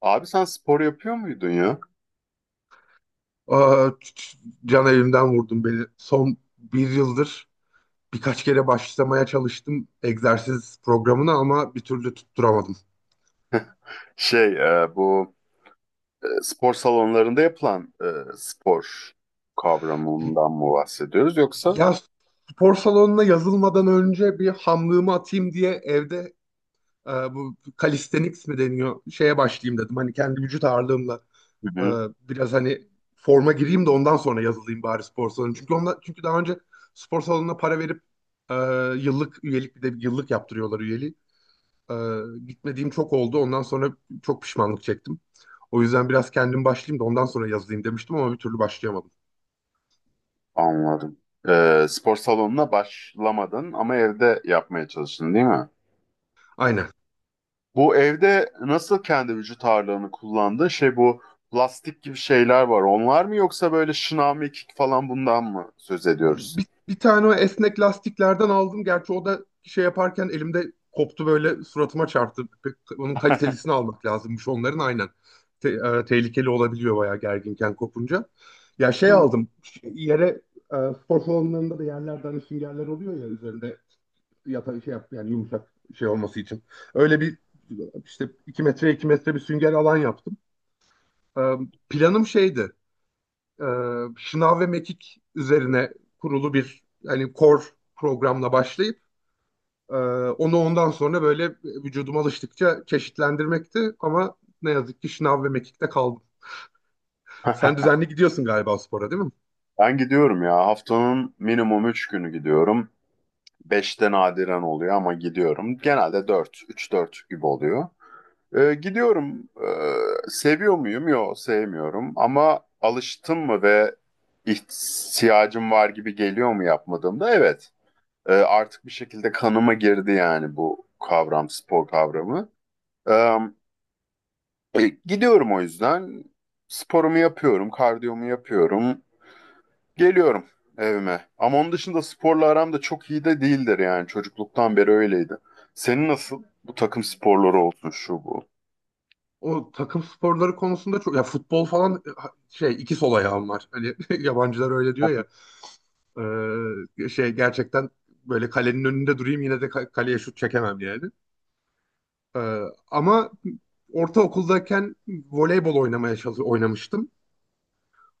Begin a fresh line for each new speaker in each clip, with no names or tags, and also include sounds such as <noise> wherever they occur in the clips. Abi sen spor yapıyor muydun ya?
Aa, can elimden vurdun beni. Son bir yıldır birkaç kere başlamaya çalıştım egzersiz programına ama bir türlü tutturamadım.
Şey bu spor salonlarında yapılan spor kavramından mı bahsediyoruz yoksa?
Ya spor salonuna yazılmadan önce bir hamlığımı atayım diye evde bu calisthenics mi deniyor şeye başlayayım dedim. Hani kendi vücut ağırlığımla
Hı
e,
hı,
biraz hani forma gireyim de ondan sonra yazılayım bari spor salonu. Çünkü daha önce spor salonuna para verip e, yıllık üyelik, bir de yıllık yaptırıyorlar üyeliği. Ee, Gitmediğim çok oldu. Ondan sonra çok pişmanlık çektim. O yüzden biraz kendim başlayayım da ondan sonra yazayım demiştim ama bir türlü başlayamadım.
anladım. Spor salonuna başlamadın ama evde yapmaya çalıştın değil mi?
Aynen.
Bu evde nasıl kendi vücut ağırlığını kullandın? Şey bu plastik gibi şeyler var. Onlar mı yoksa böyle şınav mekik falan bundan mı söz ediyoruz?
Bir tane o esnek lastiklerden aldım. Gerçi o da şey yaparken elimde koptu, böyle suratıma çarptı. Onun
<laughs>
kalitelisini almak lazımmış onların, aynen. Te- Tehlikeli olabiliyor bayağı, gerginken kopunca. Ya şey
Hı.
aldım. Yere e, spor salonlarında da yerlerden süngerler oluyor ya, üzerinde yata şey yap, yani yumuşak şey olması için. Öyle bir işte 2 metre 2 metre bir sünger alan yaptım. Ee, Planım şeydi. e, Şınav ve mekik üzerine kurulu bir hani core programla başlayıp e, onu ondan sonra böyle vücuduma alıştıkça çeşitlendirmekti, ama ne yazık ki şınav ve mekikte kaldım. Sen
<laughs>
düzenli gidiyorsun galiba spora, değil mi?
Ben gidiyorum ya. Haftanın minimum 3 günü gidiyorum. Beşte nadiren oluyor ama gidiyorum. Genelde dört, üç dört gibi oluyor. Gidiyorum. Seviyor muyum? Yok, sevmiyorum. Ama alıştım mı ve ihtiyacım var gibi geliyor mu yapmadığımda? Evet. Artık bir şekilde kanıma girdi yani bu kavram, spor kavramı. Ee, gidiyorum o yüzden. Sporumu yapıyorum, kardiyomu yapıyorum. Geliyorum evime. Ama onun dışında sporla aram da çok iyi de değildir yani. Çocukluktan beri öyleydi. Senin nasıl? Bu takım sporları olsun şu bu.
O takım sporları konusunda çok, ya futbol falan, şey, iki sol ayağım var. Hani <laughs> yabancılar öyle diyor ya. Şey, gerçekten böyle kalenin önünde durayım yine de kaleye şut çekemem yani. Ee, Ama ortaokuldayken voleybol oynamaya oynamıştım.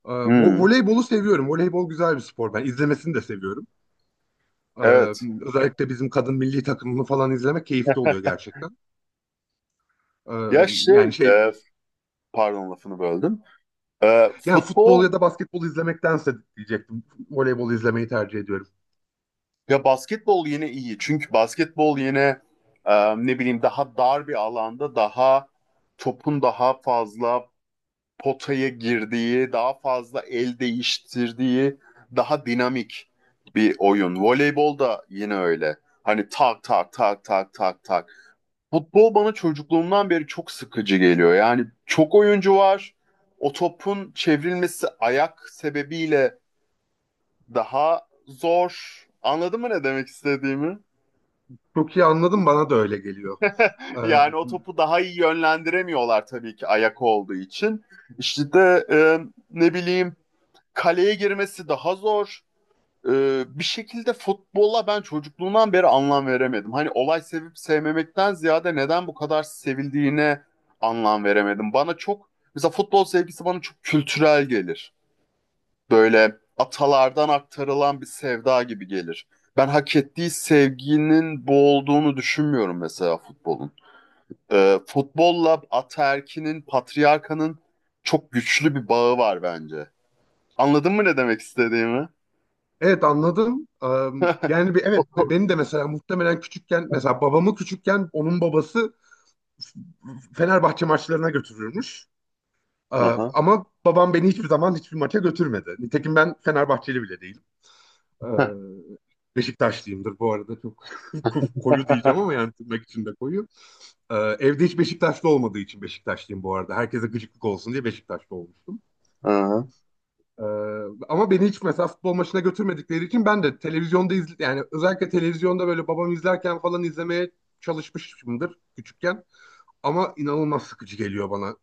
Hmm,
Voleybolu seviyorum. Voleybol güzel bir spor. Ben izlemesini de seviyorum. Ee,
evet.
Özellikle bizim kadın milli takımını falan izlemek keyifli oluyor gerçekten. Ee,
Ya
Yani
şey,
şey,
pardon lafını böldüm. E,
yani futbol
futbol
ya da basketbol izlemektense diyecektim. Voleybol izlemeyi tercih ediyorum.
ya basketbol yine iyi. Çünkü basketbol yine ne bileyim daha dar bir alanda daha topun daha fazla potaya girdiği, daha fazla el değiştirdiği, daha dinamik bir oyun. Voleybol da yine öyle. Hani tak tak tak tak tak tak. Futbol bana çocukluğumdan beri çok sıkıcı geliyor. Yani çok oyuncu var. O topun çevrilmesi ayak sebebiyle daha zor. Anladın mı ne demek istediğimi?
Çok iyi anladım, bana da öyle geliyor.
Yani o topu daha iyi yönlendiremiyorlar tabii ki ayak olduğu için. İşte de ne bileyim kaleye girmesi daha zor. Bir şekilde futbola ben çocukluğumdan beri anlam veremedim. Hani olay sevip sevmemekten ziyade neden bu kadar sevildiğine anlam veremedim. Bana çok mesela futbol sevgisi bana çok kültürel gelir. Böyle atalardan aktarılan bir sevda gibi gelir. Ben hak ettiği sevginin bu olduğunu düşünmüyorum mesela futbolun. Futbolla ataerkinin, patriarkanın çok güçlü bir bağı var bence. Anladın mı ne demek istediğimi?
Evet, anladım. Yani
<laughs>
bir, evet, beni de mesela muhtemelen küçükken, mesela babamı küçükken onun babası Fenerbahçe maçlarına götürürmüş. Aa,
Aha.
ama babam beni hiçbir zaman hiçbir maça götürmedi. Nitekim ben Fenerbahçeli bile değilim. Ee, Beşiktaşlıyımdır bu arada, çok <laughs> koyu diyeceğim
<laughs>
ama yani tırnak içinde koyu. Evde hiç Beşiktaşlı olmadığı için Beşiktaşlıyım bu arada. Herkese gıcıklık olsun diye Beşiktaşlı olmuştum.
Aha.
Ee, Ama beni hiç mesela futbol maçına götürmedikleri için ben de televizyonda izle, yani özellikle televizyonda böyle babam izlerken falan izlemeye çalışmışımdır küçükken. Ama inanılmaz sıkıcı geliyor bana.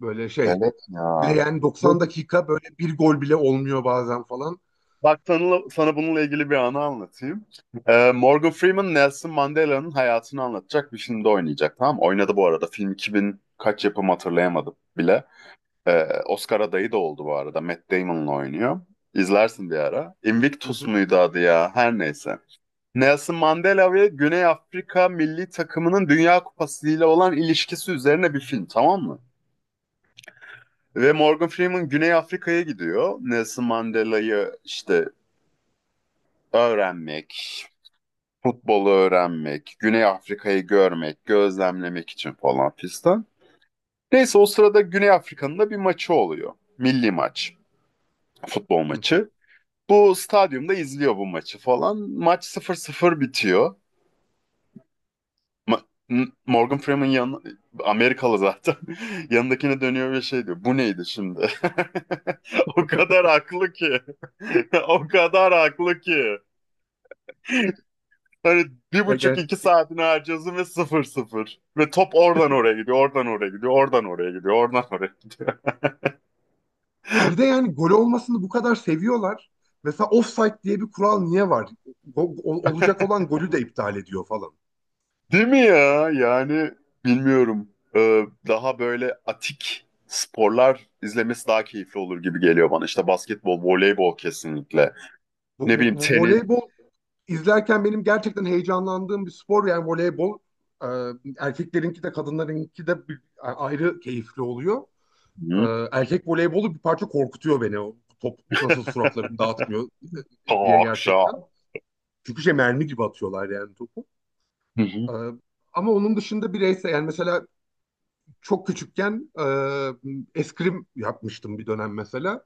Böyle şey,
Evet ya.
leğen 90 dakika böyle bir gol bile olmuyor bazen falan.
Bak sana bununla ilgili bir anı anlatayım. Morgan Freeman Nelson Mandela'nın hayatını anlatacak bir filmde oynayacak tamam mı? Oynadı bu arada. Film 2000 kaç yapım hatırlayamadım bile. Oscar adayı da oldu bu arada. Matt Damon'la oynuyor. İzlersin bir ara.
Hı
Invictus
hı.
muydu adı ya? Her neyse. Nelson Mandela ve Güney Afrika milli takımının Dünya Kupası ile olan ilişkisi üzerine bir film tamam mı? Ve Morgan Freeman Güney Afrika'ya gidiyor. Nelson Mandela'yı işte öğrenmek, futbolu öğrenmek, Güney Afrika'yı görmek, gözlemlemek için falan fistan. Neyse o sırada Güney Afrika'nın da bir maçı oluyor. Milli maç, futbol
Hı hı.
maçı. Bu stadyumda izliyor bu maçı falan. Maç 0-0 bitiyor. Ma- Morgan Freeman Amerikalı zaten. <laughs> Yanındakine dönüyor ve şey diyor. Bu neydi şimdi? <laughs> O kadar haklı ki. <laughs> O kadar haklı ki. Hani bir
Ya
buçuk
ger-
iki saatini harcıyorsun ve 0-0. Ve top oradan oraya gidiyor, oradan oraya gidiyor, oradan oraya gidiyor, oradan oraya gidiyor.
Bir de
<laughs>
yani gol olmasını bu kadar seviyorlar. Mesela offside diye bir kural niye var? Olacak olan golü de iptal ediyor falan.
Değil mi ya? Yani bilmiyorum. Daha böyle atik sporlar izlemesi daha keyifli olur gibi geliyor bana. İşte basketbol, voleybol kesinlikle. Ne
Bu, bu,
bileyim
bu
tenis.
voleybol izlerken benim gerçekten heyecanlandığım bir spor, yani voleybol. Ee, Erkeklerinki de kadınlarınki de ayrı keyifli oluyor.
Hı?
Erkek voleybolu bir parça korkutuyor beni. O top nasıl suratlarını
<laughs>
dağıtmıyor diye,
Talk
gerçekten.
show.
Çünkü şey, mermi gibi atıyorlar yani topu.
Hı
Ee,
hı.
Ama onun dışında bireysel, yani mesela çok küçükken eskrim yapmıştım bir dönem mesela.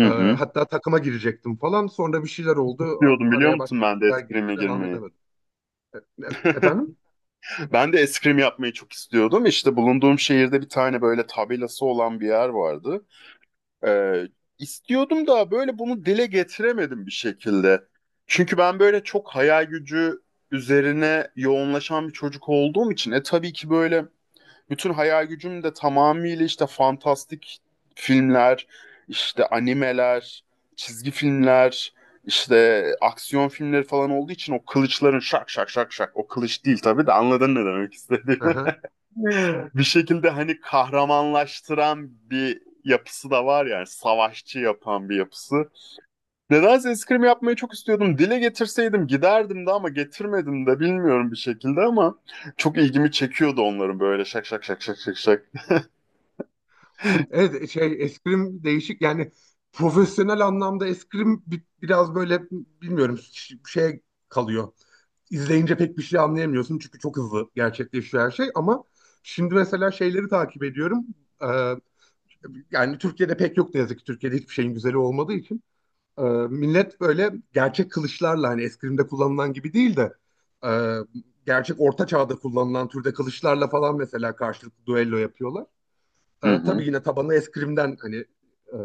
hı.
Hatta takıma girecektim falan. Sonra bir şeyler oldu.
Diyordum biliyor
Araya başka
musun
bir
ben de
şeyler girdi.
eskrime
Devam
girmeyi.
edemedim.
<laughs>
Efendim?
Ben de eskrim yapmayı çok istiyordum. İşte bulunduğum şehirde bir tane böyle tabelası olan bir yer vardı. Ee, istiyordum da böyle bunu dile getiremedim bir şekilde. Çünkü ben böyle çok hayal gücü üzerine yoğunlaşan bir çocuk olduğum için tabii ki böyle bütün hayal gücüm de tamamıyla işte fantastik filmler, işte animeler, çizgi filmler, işte aksiyon filmleri falan olduğu için o kılıçların şak şak şak şak o kılıç değil tabii de anladın ne demek istediğimi.
Aha.
<laughs> Bir şekilde hani kahramanlaştıran bir yapısı da var yani savaşçı yapan bir yapısı. Nedense eskrim yapmayı çok istiyordum. Dile getirseydim giderdim de ama getirmedim de bilmiyorum bir şekilde ama çok ilgimi çekiyordu onların böyle şak şak şak şak şak şak.
Evet, şey, eskrim değişik, yani profesyonel anlamda eskrim biraz böyle bilmiyorum şey kalıyor. İzleyince pek bir şey anlayamıyorsun çünkü çok hızlı gerçekleşiyor her şey, ama şimdi mesela şeyleri takip ediyorum. Ee, Yani Türkiye'de pek yok ne yazık ki, Türkiye'de hiçbir şeyin güzeli olmadığı için. Ee, Millet böyle gerçek kılıçlarla, hani eskrimde kullanılan gibi değil de e, gerçek orta çağda kullanılan türde kılıçlarla falan mesela karşılıklı duello yapıyorlar.
Hı hı.
Tabii yine tabanını eskrimden hani e,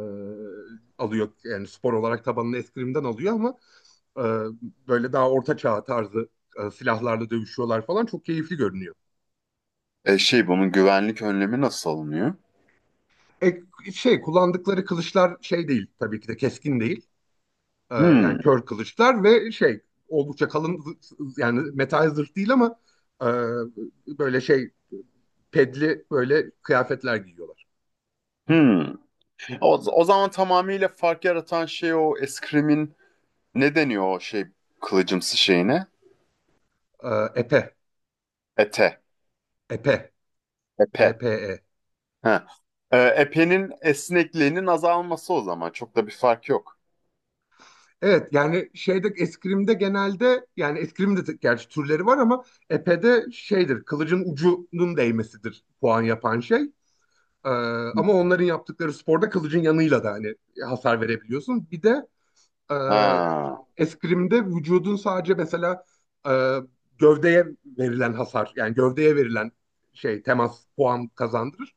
alıyor, yani spor olarak tabanını eskrimden alıyor ama e, böyle daha orta çağ tarzı silahlarla dövüşüyorlar falan, çok keyifli görünüyor.
Şey bunun güvenlik önlemi nasıl alınıyor?
E, Şey, kullandıkları kılıçlar şey değil tabii ki de, keskin değil. Yani
Hmm,
kör kılıçlar ve şey, oldukça kalın yani metal zırh değil ama e, böyle şey, pedli böyle kıyafetler giyiyorlar.
hmm. O zaman tamamıyla fark yaratan şey o eskrimin ne deniyor o şey kılıcımsı şeyine?
Epe,
Ete.
epe,
Epe.
epe.
Ha. Epenin esnekliğinin azalması o zaman. Çok da bir fark yok.
Evet, yani şeyde eskrimde genelde, yani eskrimde de gerçi türleri var ama epede şeydir, kılıcın ucunun değmesidir puan yapan şey. Ee,
Hı.
Ama onların yaptıkları sporda kılıcın yanıyla da hani hasar verebiliyorsun. Bir de e,
Ha,
eskrimde vücudun sadece mesela e, gövdeye verilen hasar, yani gövdeye verilen şey, temas puan kazandırır.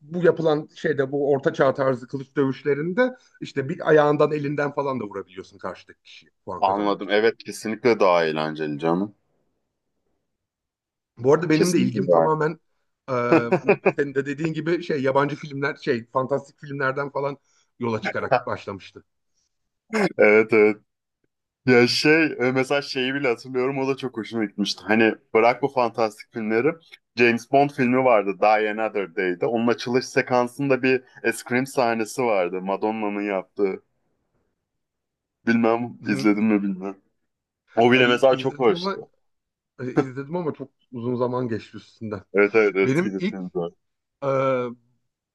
Bu yapılan şeyde, bu orta çağ tarzı kılıç dövüşlerinde işte bir ayağından, elinden falan da vurabiliyorsun karşıdaki kişiye puan kazanmak
anladım.
için.
Evet kesinlikle daha eğlenceli canım.
Bu arada benim de
Kesinlikle
ilgim
daha
tamamen e,
eğlenceli. <laughs>
senin de dediğin gibi şey, yabancı filmler, şey fantastik filmlerden falan yola çıkarak başlamıştı.
Evet, evet. Ya şey mesela şeyi bile hatırlıyorum o da çok hoşuma gitmişti. Hani bırak bu fantastik filmleri. James Bond filmi vardı Die Another Day'de. Onun açılış sekansında bir scream sahnesi vardı. Madonna'nın yaptığı. Bilmem
Hı,
izledim mi bilmem. O bile
ay,
mesela çok hoştu.
İzledim ama çok uzun zaman geçti üstünden.
Evet, evet, eski
Benim
bir
ilk
filmdi. O.
e,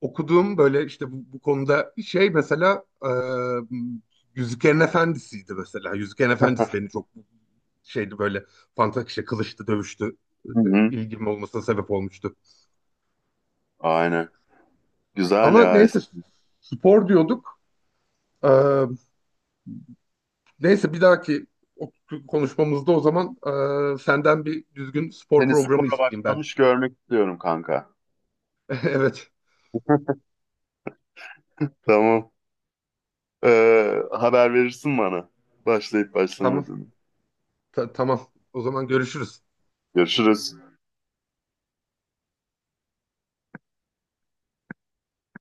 okuduğum böyle işte bu konuda şey, mesela Yüzüklerin Efendisi'ydi mesela. Yüzüklerin Efendisi beni çok şeydi böyle, fantastik işte, kılıçtı, dövüştü.
Hı hı.
İlgim olmasına sebep olmuştu.
Aynen. Güzel
Ama
ya.
neyse,
Eski.
spor diyorduk. E, Neyse bir dahaki o- konuşmamızda o zaman senden bir düzgün spor
Seni
programı
spora
isteyeyim ben.
başlamış görmek istiyorum kanka.
<laughs> Evet.
Tamam. Haber verirsin bana. Başlayıp
Tamam.
başlamadığını.
Tamam. O zaman görüşürüz.
Görüşürüz.